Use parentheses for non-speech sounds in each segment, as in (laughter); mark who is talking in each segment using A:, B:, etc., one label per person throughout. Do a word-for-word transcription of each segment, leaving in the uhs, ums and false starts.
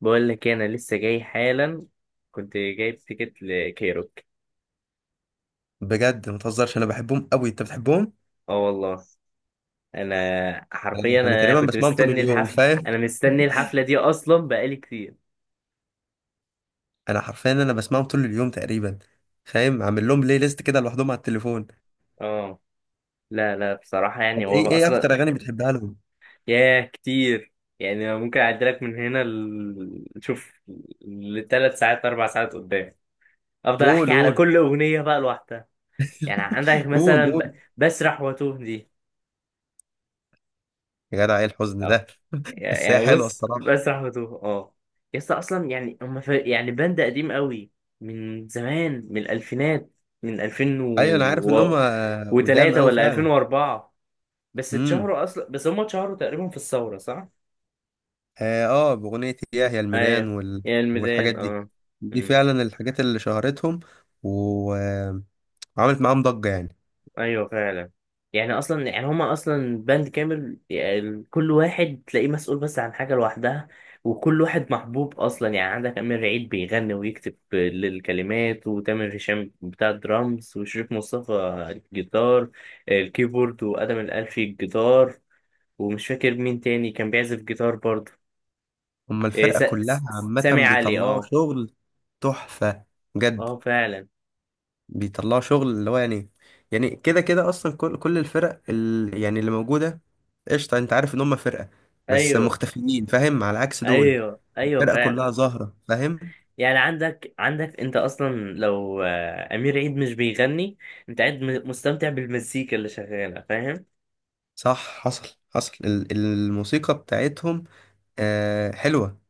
A: بقول لك إيه، انا لسه جاي حالا. كنت جايب تيكت لكايروك.
B: بجد ما تهزرش، انا بحبهم قوي، انت بتحبهم؟
A: اه والله. انا
B: انا
A: حرفيا
B: أنا
A: انا
B: تقريبا
A: كنت
B: بسمعهم طول
A: مستني
B: اليوم،
A: الحفله.
B: فاهم.
A: انا مستني الحفله دي اصلا بقالي كتير.
B: انا حرفيا انا بسمعهم طول اليوم تقريبا. فاهم، عامل لهم بلاي ليست كده لوحدهم على التليفون.
A: اه. لا لا، بصراحه
B: طب
A: يعني هو
B: ايه ايه
A: اصلا.
B: اكتر اغاني بتحبها لهم؟
A: ياه كتير. يعني أنا ممكن اعدلك من هنا ل... شوف، لثلاث ساعات اربع ساعات قدام. افضل
B: قول
A: احكي على
B: قول
A: كل اغنيه بقى لوحدها. يعني عندك
B: قول
A: مثلا ب...
B: قول
A: بسرح واتوه دي.
B: يا جدع، ايه الحزن
A: اه.
B: ده؟ بس هي
A: يعني
B: حلوه
A: بص
B: الصراحه.
A: بس رحمته اه. يسطا اصلا يعني هم ف... يعني باند قديم قوي، من زمان من الالفينات، من الفين
B: ايوه انا عارف ان هم
A: و...
B: قدام
A: وتلاتة
B: قوي
A: ولا
B: فعلا.
A: ألفين واربعة. بس
B: امم.
A: اتشهروا اصلا بس هم اتشهروا تقريبا في الثورة صح؟
B: اه آه، باغنيه ياه، يا الميدان
A: ايوه،
B: وال...
A: يا
B: والحاجات
A: الميدان.
B: دي.
A: اه.
B: دي فعلا الحاجات اللي شهرتهم. و... آه، وعملت معاهم ضجه يعني.
A: ايوه فعلا. يعني اصلا يعني هما اصلا باند كامل، يعني كل واحد تلاقيه مسؤول بس عن حاجه لوحدها. وكل واحد محبوب اصلا، يعني عندك امير عيد بيغني ويكتب للكلمات، وتامر هشام بتاع الدرامز، وشريف مصطفى الجيتار، الكيبورد، وادم الالفي الجيتار. ومش فاكر مين تاني كان بيعزف جيتار برضه.
B: هما
A: إيه،
B: الفرقة
A: س-
B: كلها
A: س- سامي
B: عامة
A: علي
B: بيطلعوا
A: اه.
B: شغل تحفة بجد.
A: اه فعلا.
B: بيطلعوا شغل اللي هو يعني، يعني كده كده أصلا كل كل الفرق ال... يعني اللي موجودة. قشطة، أنت عارف إن هما فرقة بس
A: ايوه
B: مختفيين، فاهم، على عكس دول.
A: ايوه ايوه
B: الفرقة كلها
A: فعلا.
B: ظاهرة فاهم.
A: يعني عندك عندك انت اصلا لو آه، امير عيد مش بيغني، انت قاعد م- مستمتع بالمزيكا اللي شغاله فاهم.
B: صح، حصل حصل ال- الموسيقى بتاعتهم آه حلوة.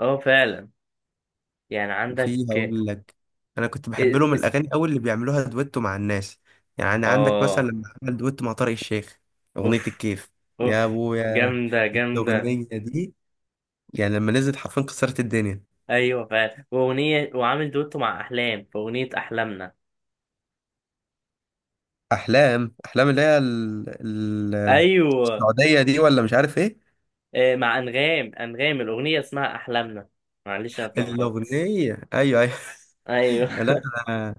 A: اه فعلا. يعني عندك.
B: وفي هقول لك، انا كنت بحب
A: إيه-
B: لهم
A: اس-
B: الاغاني قوي اللي بيعملوها دويتو مع الناس. يعني عندك مثلا
A: اه.
B: لما عمل دويتو مع طارق الشيخ، اغنيه
A: اوف
B: الكيف.
A: اوف،
B: يا ابويا
A: جامده جامده.
B: الاغنيه دي، يعني لما نزلت حرفيا كسرت الدنيا.
A: ايوه فعلا، واغنيه وعامل دوتو مع احلام في اغنيه احلامنا.
B: احلام احلام اللي هي ال... ال...
A: ايوه
B: السعوديه دي، ولا مش عارف ايه؟
A: آه، مع انغام انغام، الاغنيه اسمها احلامنا. معلش انا اتلخبطت.
B: الاغنيه، ايوه ايوه.
A: ايوه.
B: (laughs) لا انا،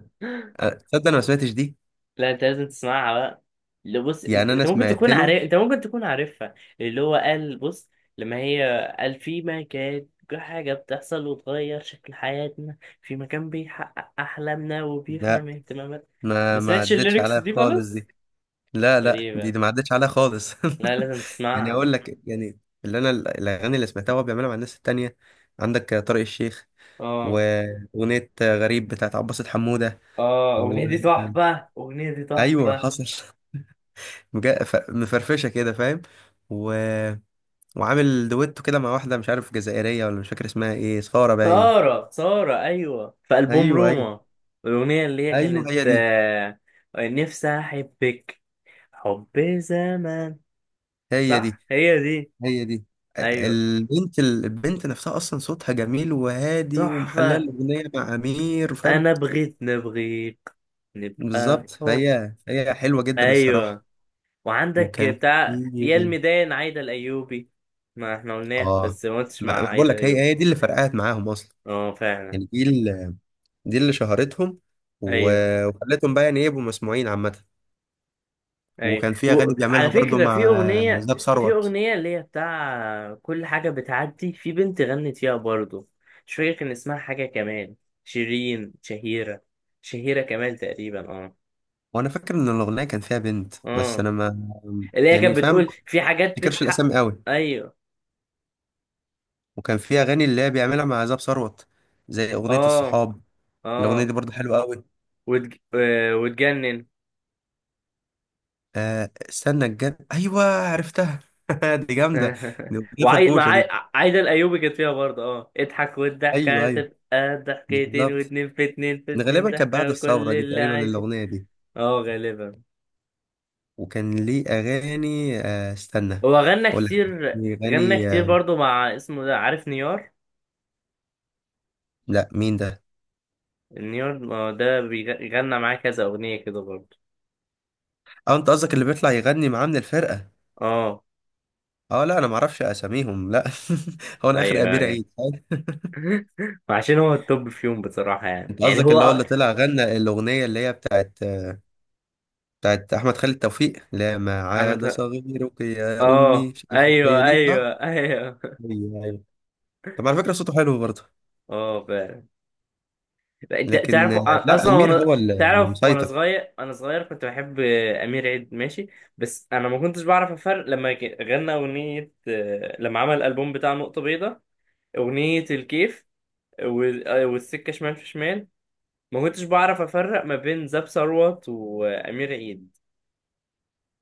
B: تصدق انا ما سمعتش دي.
A: لا انت لازم تسمعها بقى. اللي بص انت
B: يعني
A: انت
B: انا
A: ممكن
B: سمعت
A: تكون
B: له.
A: عارف انت ممكن تكون عارفها. اللي هو قال بص، لما هي قال في مكان، حاجة بتحصل وتغير شكل حياتنا، في مكان بيحقق أحلامنا
B: لا،
A: وبيفهم اهتماماتنا. ما
B: ما ما
A: سمعتش
B: عدتش
A: الليركس
B: عليا
A: دي
B: خالص
A: خالص.
B: دي. لا لا دي,
A: غريبة،
B: دي ما عدتش عليها خالص.
A: لا لازم
B: (laughs) يعني
A: تسمعها.
B: اقول لك يعني، اللي انا الاغاني اللي سمعتها وهو بيعملها مع الناس التانية، عندك طارق الشيخ،
A: اه.
B: واغنية غريب بتاعت عباسة حمودة.
A: اه
B: و...
A: الأغنية دي تحفة، الأغنية دي
B: ايوه
A: تحفة.
B: حصل. (laughs) مجا- ف- مفرفشه كده فاهم. و... وعامل دويتو كده مع واحده مش عارف جزائريه، ولا مش فاكر اسمها ايه، صخاره باين.
A: سارة سارة، أيوة في ألبوم
B: ايوه ايوه.
A: روما. الأغنية اللي هي
B: ايوه
A: كانت
B: هي دي.
A: آه، نفسي أحبك، حب زمان.
B: هي دي.
A: صح هي دي.
B: هي دي.
A: ايوه
B: البنت، البنت نفسها اصلا صوتها جميل وهادي ومحلله
A: تحفة.
B: الاغنيه مع امير، فاهم.
A: انا بغيت نبغيك، نبقى
B: بالظبط،
A: حب.
B: فهي هي حلوه جدا الصراحه.
A: ايوه. وعندك
B: وكان في
A: بتاع يا الميدان، عايدة الايوبي. ما احنا قلناه
B: اه،
A: بس ما قلتش
B: ما
A: مع
B: ما بقول
A: عايدة
B: لك، هي
A: الايوبي.
B: هي دي اللي فرقعت معاهم اصلا.
A: اه فعلا.
B: يعني دي اللي، دي اللي شهرتهم
A: ايوه
B: و- وخلتهم بقى يعني إيه، يبقوا مسموعين عامه.
A: ايوه،
B: وكان في اغاني
A: وعلى
B: بيعملها برضو
A: فكرة
B: مع
A: في اغنية.
B: زاب
A: في
B: ثروت.
A: اغنية اللي هي بتاع كل حاجة بتعدي في بنت غنت فيها برضو. مش فاكر كان اسمها حاجة كمان. شيرين، شهيرة. شهيرة كمال تقريبا اه.
B: وانا فاكر ان الاغنيه كان فيها بنت بس
A: اه.
B: انا ما،
A: اللي هي
B: يعني
A: كانت
B: فاهم، ما
A: بتقول في حاجات
B: افتكرش
A: بتحق.
B: الاسامي قوي.
A: ايوه.
B: وكان في اغاني اللي هي بيعملها مع زاب ثروت، زي اغنيه
A: اه
B: الصحاب. الاغنيه دي
A: اه
B: برضو حلوه قوي.
A: وتج... آه، وتجنن.
B: آه استنى، الجن، ايوه عرفتها. (laughs) دي جامده.
A: (laughs)
B: دي اغنيه
A: وعاي... مع
B: فرفوشه
A: عاي...
B: دي.
A: عايدة الأيوبي كانت فيها برضه اه اضحك والضحكة
B: ايوه ايوه
A: هتبقى ضحكتين،
B: بالظبط.
A: واتنين في اتنين في
B: ده
A: اتنين
B: غالبا كانت بعد
A: ضحكة، كل
B: الثوره دي
A: اللي
B: تقريبا
A: عايزه.
B: الاغنيه دي.
A: اه غالبا.
B: وكان ليه اغاني آه استنى،
A: هو غنى
B: اقول لك،
A: كتير. غنى
B: يغني
A: كتير
B: آه.
A: برضه مع اسمه ده، عارف نيار.
B: لا مين ده؟
A: نيار، ما هو ده بيغنى معاه كذا أغنية كده برضه.
B: اه انت قصدك اللي بيطلع يغني معاه من الفرقه؟
A: اه.
B: اه لا انا ما اعرفش اساميهم لا. (laughs) هو انا اخر
A: ايوه
B: امير
A: ايوه.
B: عيد فاهم؟
A: (laughs) وعشان هو التوب فيهم بصراحة، يعني
B: انت
A: يعني
B: قصدك اللي هو
A: هو
B: اللي طلع غنى الاغنيه اللي هي بتاعت، بتاعت احمد خالد توفيق؟ لا ما عاد
A: أحمد.
B: صغيرك يا امي،
A: اه
B: مش عارف إيه.
A: ايوه
B: هي دي صح.
A: ايوه ايوه.
B: ايوه أيوة. طب على فكرة صوته حلو برضه.
A: اه فعلا. لا، انت
B: لكن
A: تعرف
B: آه، لا،
A: اصلا
B: أمير
A: وانا.
B: هو اللي
A: تعرف وانا
B: مسيطر.
A: صغير انا صغير كنت بحب امير عيد ماشي. بس انا ما كنتش بعرف افرق لما ك- غنى اغنيه، لما عمل الالبوم بتاع نقطه بيضاء، اغنيه الكيف وال- والسكه شمال في شمال. ما كنتش بعرف افرق ما بين زاب ثروت وامير عيد.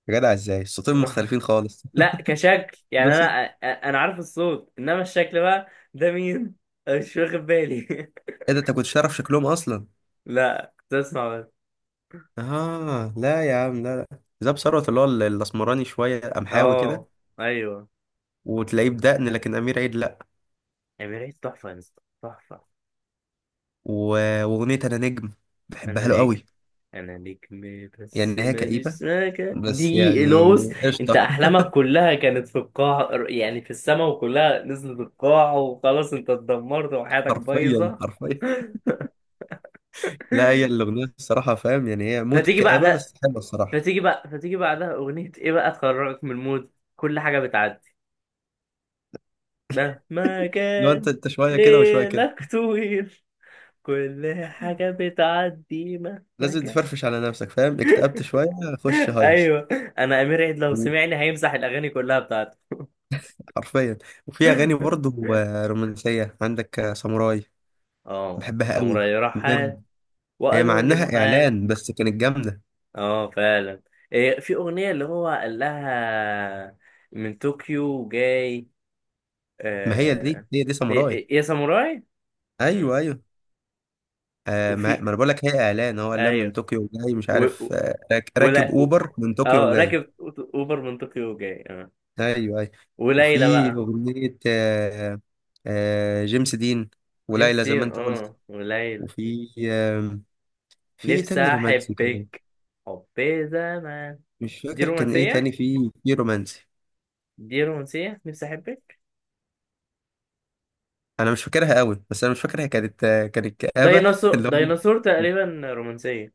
B: يا جدع ازاي الصوتين
A: (laughs)
B: مختلفين خالص!
A: لا كشكل
B: (laughs) ده
A: يعني انا،
B: صوت
A: انا عارف الصوت انما الشكل بقى، ده مين. أنا مش واخد بالي.
B: ايه ده؟ انت كنتش تعرف شكلهم اصلا؟
A: لا كنت اسمع بس.
B: اه لا يا عم، لا لا. زاب ثروت اللي هو ال- الاسمراني شوية، قمحاوي كده،
A: اه ايوه.
B: وتلاقيه بدقن، لكن أمير عيد لا.
A: امير عيد تحفه يا اسطى، تحفه.
B: و- وأغنية أنا نجم
A: انا
B: بحبها له
A: نجم.
B: قوي.
A: انا نجم
B: يعني
A: بس
B: هي
A: ماليش
B: كئيبة
A: سكه
B: بس
A: دي
B: يعني
A: لوس. انت
B: قشطة. (laughs)
A: احلامك كلها كانت في القاع، يعني في السما وكلها نزلت القاع وخلاص، انت اتدمرت وحياتك
B: حرفيا
A: بايظه.
B: حرفيا. لا هي
A: (laughs)
B: الأغنية الصراحة فاهم، يعني هي موت
A: فتيجي
B: كآبة،
A: بعدها.
B: بس حلوة الصراحة.
A: فتيجي بقى فتيجي بعدها اغنيه ايه بقى تخرجك من المود، كل حاجه بتعدي مهما
B: لو انت،
A: كان.
B: انت شوية كده وشوية كده،
A: ليلك طويل. كل حاجة بتعدي مهما
B: لازم
A: كان.
B: تفرفش على نفسك فاهم. اكتئبت شويه، خش
A: (laughs)
B: هيص.
A: أيوه. أنا أمير عيد لو سمعني هيمسح الأغاني كلها بتاعته.
B: حرفيا. وفي اغاني برضه آه، رومانسيه، عندك آه، ساموراي،
A: اه
B: بحبها قوي
A: تمري رحال،
B: بجد. هي مع
A: وقالوا لي
B: انها
A: محال.
B: اعلان بس كانت جامده.
A: اه فعلا. إيه، في أغنية اللي هو قال لها، من طوكيو جاي.
B: ما هي دي،
A: آه،
B: هي دي ساموراي.
A: يا يا ساموراي.
B: ايوه
A: مم.
B: ايوه. آه ما
A: وفي،
B: ما انا بقول لك، هي اعلان، هو قال من
A: أيوه.
B: طوكيو وجاي، مش
A: و...
B: عارف
A: و-
B: آه، راك- راكب
A: ولا و...
B: اوبر من طوكيو
A: اه
B: وجاي.
A: راكب أوبر من طوكيو جاي اه.
B: ايوه ايوه.
A: وليلى
B: وفي
A: بقى.
B: اغنيه آه، آه جيمس دين
A: جيمس
B: وليلى، زي ما
A: دين
B: انت قلت.
A: اه، وليلى.
B: وفي آه، في إيه
A: نفسي
B: تاني رومانسي كده؟
A: احبك، حب زمان.
B: مش
A: دي
B: فاكر كان ايه
A: رومانسية.
B: تاني في في رومانسي.
A: دي رومانسية، نفسي احبك.
B: انا مش فاكرها قوي، بس انا مش فاكر هي كانت، كانت كآبة. (laughs)
A: ديناصور،
B: اللي هو،
A: ديناصور تقريبا رومانسية.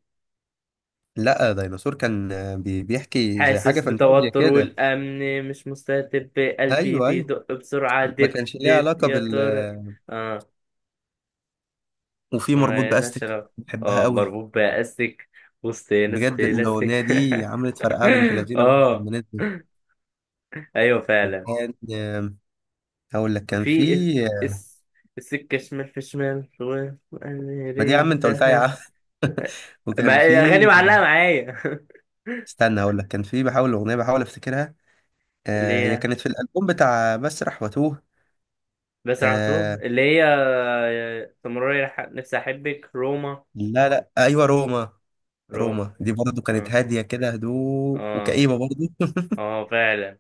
B: لا ديناصور كان بي- بيحكي زي حاجة
A: حاسس
B: فانتازيا
A: بتوتر
B: كده.
A: والامن مش مستتب، قلبي
B: ايوه ايوه،
A: بيدق بسرعة
B: ما
A: دب
B: كانش ليها
A: دب
B: علاقة
A: يا
B: بال.
A: ترى. اه.
B: وفي مربوط
A: ما لهاش
B: باستك
A: علاقة.
B: بحبها
A: اه
B: قوي.
A: مربوط بأستك، وسط ناس
B: بجد
A: بلاستيك.
B: الاغنية
A: (laughs)
B: دي عملت فرقعة بنت لذينة برضه
A: اه.
B: لما نزلت.
A: ايوه فعلا.
B: وكان آم، هقول لك كان في،
A: في اس اس- السكة شمال في شمال،
B: ما دي يا
A: وقلبي
B: عم انت قلتها يا
A: انتهى.
B: عم. (laughs)
A: ما
B: وكان في،
A: اغاني معلقه معايا. (laughs)
B: استنى هقول لك كان في، بحاول اغنية بحاول افتكرها. آه
A: اللي
B: هي
A: هي،
B: كانت في الألبوم بتاع مسرح وتوه،
A: بس عطوه
B: آه
A: اللي هي، تمرري، نفسي احبك، روما.
B: لا لا أيوة روما.
A: روما.
B: روما دي برضه كانت
A: اه
B: هادية كده هدوء،
A: اه
B: وكئيبة برضه.
A: اه فعلا.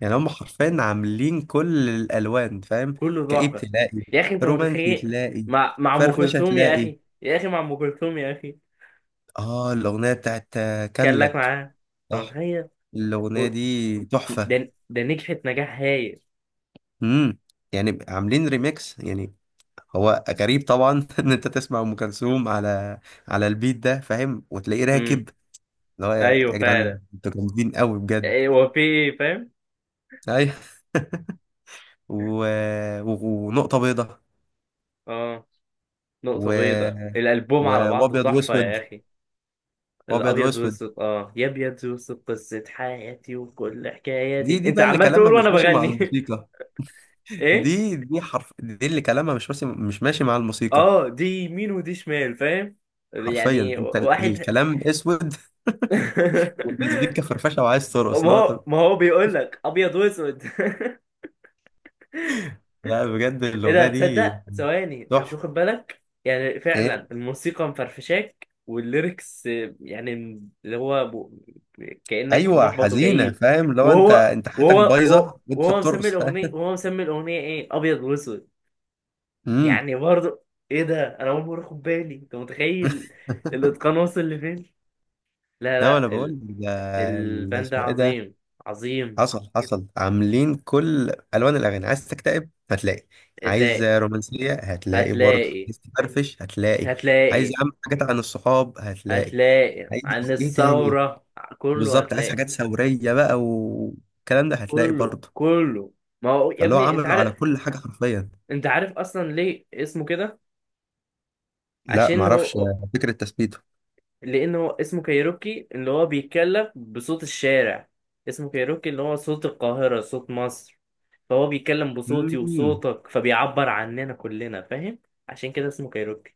B: يعني هم حرفيا عاملين كل الألوان فاهم.
A: كله
B: كئيب
A: تحفه
B: تلاقي،
A: يا اخي، انت
B: رومانسي
A: متخيل.
B: تلاقي،
A: مع مع ام
B: فرفشة
A: كلثوم، يا
B: تلاقي.
A: اخي، يا اخي، مع ام كلثوم يا اخي.
B: اه الأغنية بتاعت آه،
A: كان
B: كان
A: لك
B: لك.
A: معاها. انت
B: صح،
A: متخيل. و-
B: الأغنية دي تحفة.
A: ده ده نجحت نجاح هايل.
B: امم. يعني عاملين ريميكس يعني. هو غريب طبعا (laughs) ان انت تسمع ام كلثوم على على البيت ده فاهم، وتلاقيه
A: امم.
B: راكب، اللي هو يا،
A: ايوه
B: يا جدعان
A: فعلا.
B: انتوا جامدين قوي بجد.
A: إيه، هو في إيه، فاهم.
B: ايوه. (laughs) و... و... ونقطة بيضة.
A: اه. نقطه بيضاء،
B: و...
A: الالبوم
B: و...
A: على بعضه
B: وابيض
A: تحفه
B: واسود.
A: يا اخي.
B: وابيض
A: الابيض
B: واسود
A: واسود. اه يا ابيض واسود قصه حياتي وكل
B: دي،
A: حكاياتي،
B: دي
A: انت
B: بقى اللي
A: عمال تقول
B: كلامها
A: وانا
B: مش ماشي مع
A: بغني.
B: الموسيقى.
A: (laughs) ايه.
B: دي دي حرف، دي اللي كلامها مش ماشي، مش ماشي مع الموسيقى.
A: اه دي يمين ودي شمال فاهم،
B: حرفيا
A: يعني
B: انت، ال-
A: واحد.
B: الكلام اسود والمزيكا فرفشه وعايز
A: (laughs)
B: ترقص،
A: ما
B: لا
A: هو
B: طب.
A: ما هو بيقول لك ابيض واسود. (laughs)
B: لا بجد
A: ايه ده،
B: الاغنيه دي
A: تصدق ثواني انت مش
B: تحفه.
A: واخد بالك، يعني فعلا
B: ايه؟
A: الموسيقى مفرفشاك والليركس آه، يعني، اللي هو ب... كأنك
B: ايوه
A: محبط
B: حزينه،
A: وكئيب.
B: فاهم، لو انت،
A: وهو
B: انت حياتك
A: وهو وهو
B: بايظه وانت
A: وهو مسمي
B: بترقص
A: الاغنيه
B: فاهم.
A: وهو مسمي الاغنيه ايه، ابيض واسود.
B: امم.
A: يعني برضه. ايه ده، انا اول مره اخد بالي، انت متخيل.
B: (laughs)
A: الاتقان وصل لفين. لا
B: لا انا
A: لا
B: بقول
A: ال...
B: ده، ال-
A: الباند ده
B: اسمه ايه ده؟
A: عظيم، عظيم.
B: حصل حصل، عاملين كل الوان الاغاني. عايز تكتئب هتلاقي، عايز
A: هتلاقي،
B: رومانسيه هتلاقي برضه،
A: هتلاقي،
B: عايز تفرفش هتلاقي، عايز يا
A: هتلاقي،
B: عم حاجات عن الصحاب هتلاقي،
A: هتلاقي عن
B: عايز ايه تاني؟
A: الثورة. كله
B: بالظبط، عايز
A: هتلاقي.
B: حاجات ثوريه بقى والكلام ده هتلاقي
A: كله
B: برضه.
A: كله. ما هو يا
B: فاللي هو
A: ابني، انت
B: عمله على
A: عارف.
B: كل حاجه حرفيا.
A: انت عارف اصلا ليه اسمه كده.
B: لا
A: عشان
B: معرفش.
A: هو،
B: فكره تثبيته.
A: لان هو اسمه كايروكي اللي هو بيتكلم بصوت الشارع. اسمه كايروكي اللي هو صوت القاهرة، صوت مصر. فهو بيتكلم بصوتي
B: مم.
A: وصوتك، فبيعبر عننا كلنا فاهم. عشان كده اسمه كايروكي.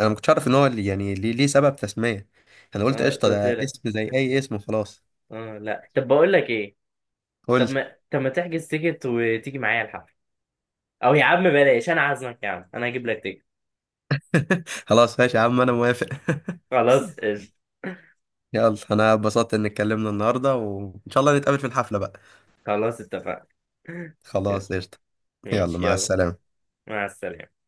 B: انا ما كنتش اعرف ان هو اللي- يعني ليه، ليه سبب تسميه. انا قلت
A: اه
B: قشطه
A: قلت
B: ده
A: لك.
B: اسم زي اي اسم وخلاص.
A: اه لا، طب بقول لك ايه.
B: قول.
A: طب ما طب ما تحجز تيكت وتيجي معايا الحفل. او يا عم بلاش، انا عازمك يا عم، انا هجيب لك تيكت.
B: (laughs) خلاص ماشي يا عم، انا موافق. (laughs)
A: خلاص قشطة.
B: يلا انا اتبسطت ان اتكلمنا النهارده، وان شاء الله نتقابل في الحفله بقى.
A: خلاص اتفقنا. (laughs) يلا.
B: خلاص قشطه. يلا،
A: ماشي
B: مع
A: يلا.
B: السلامه.
A: مع السلامة.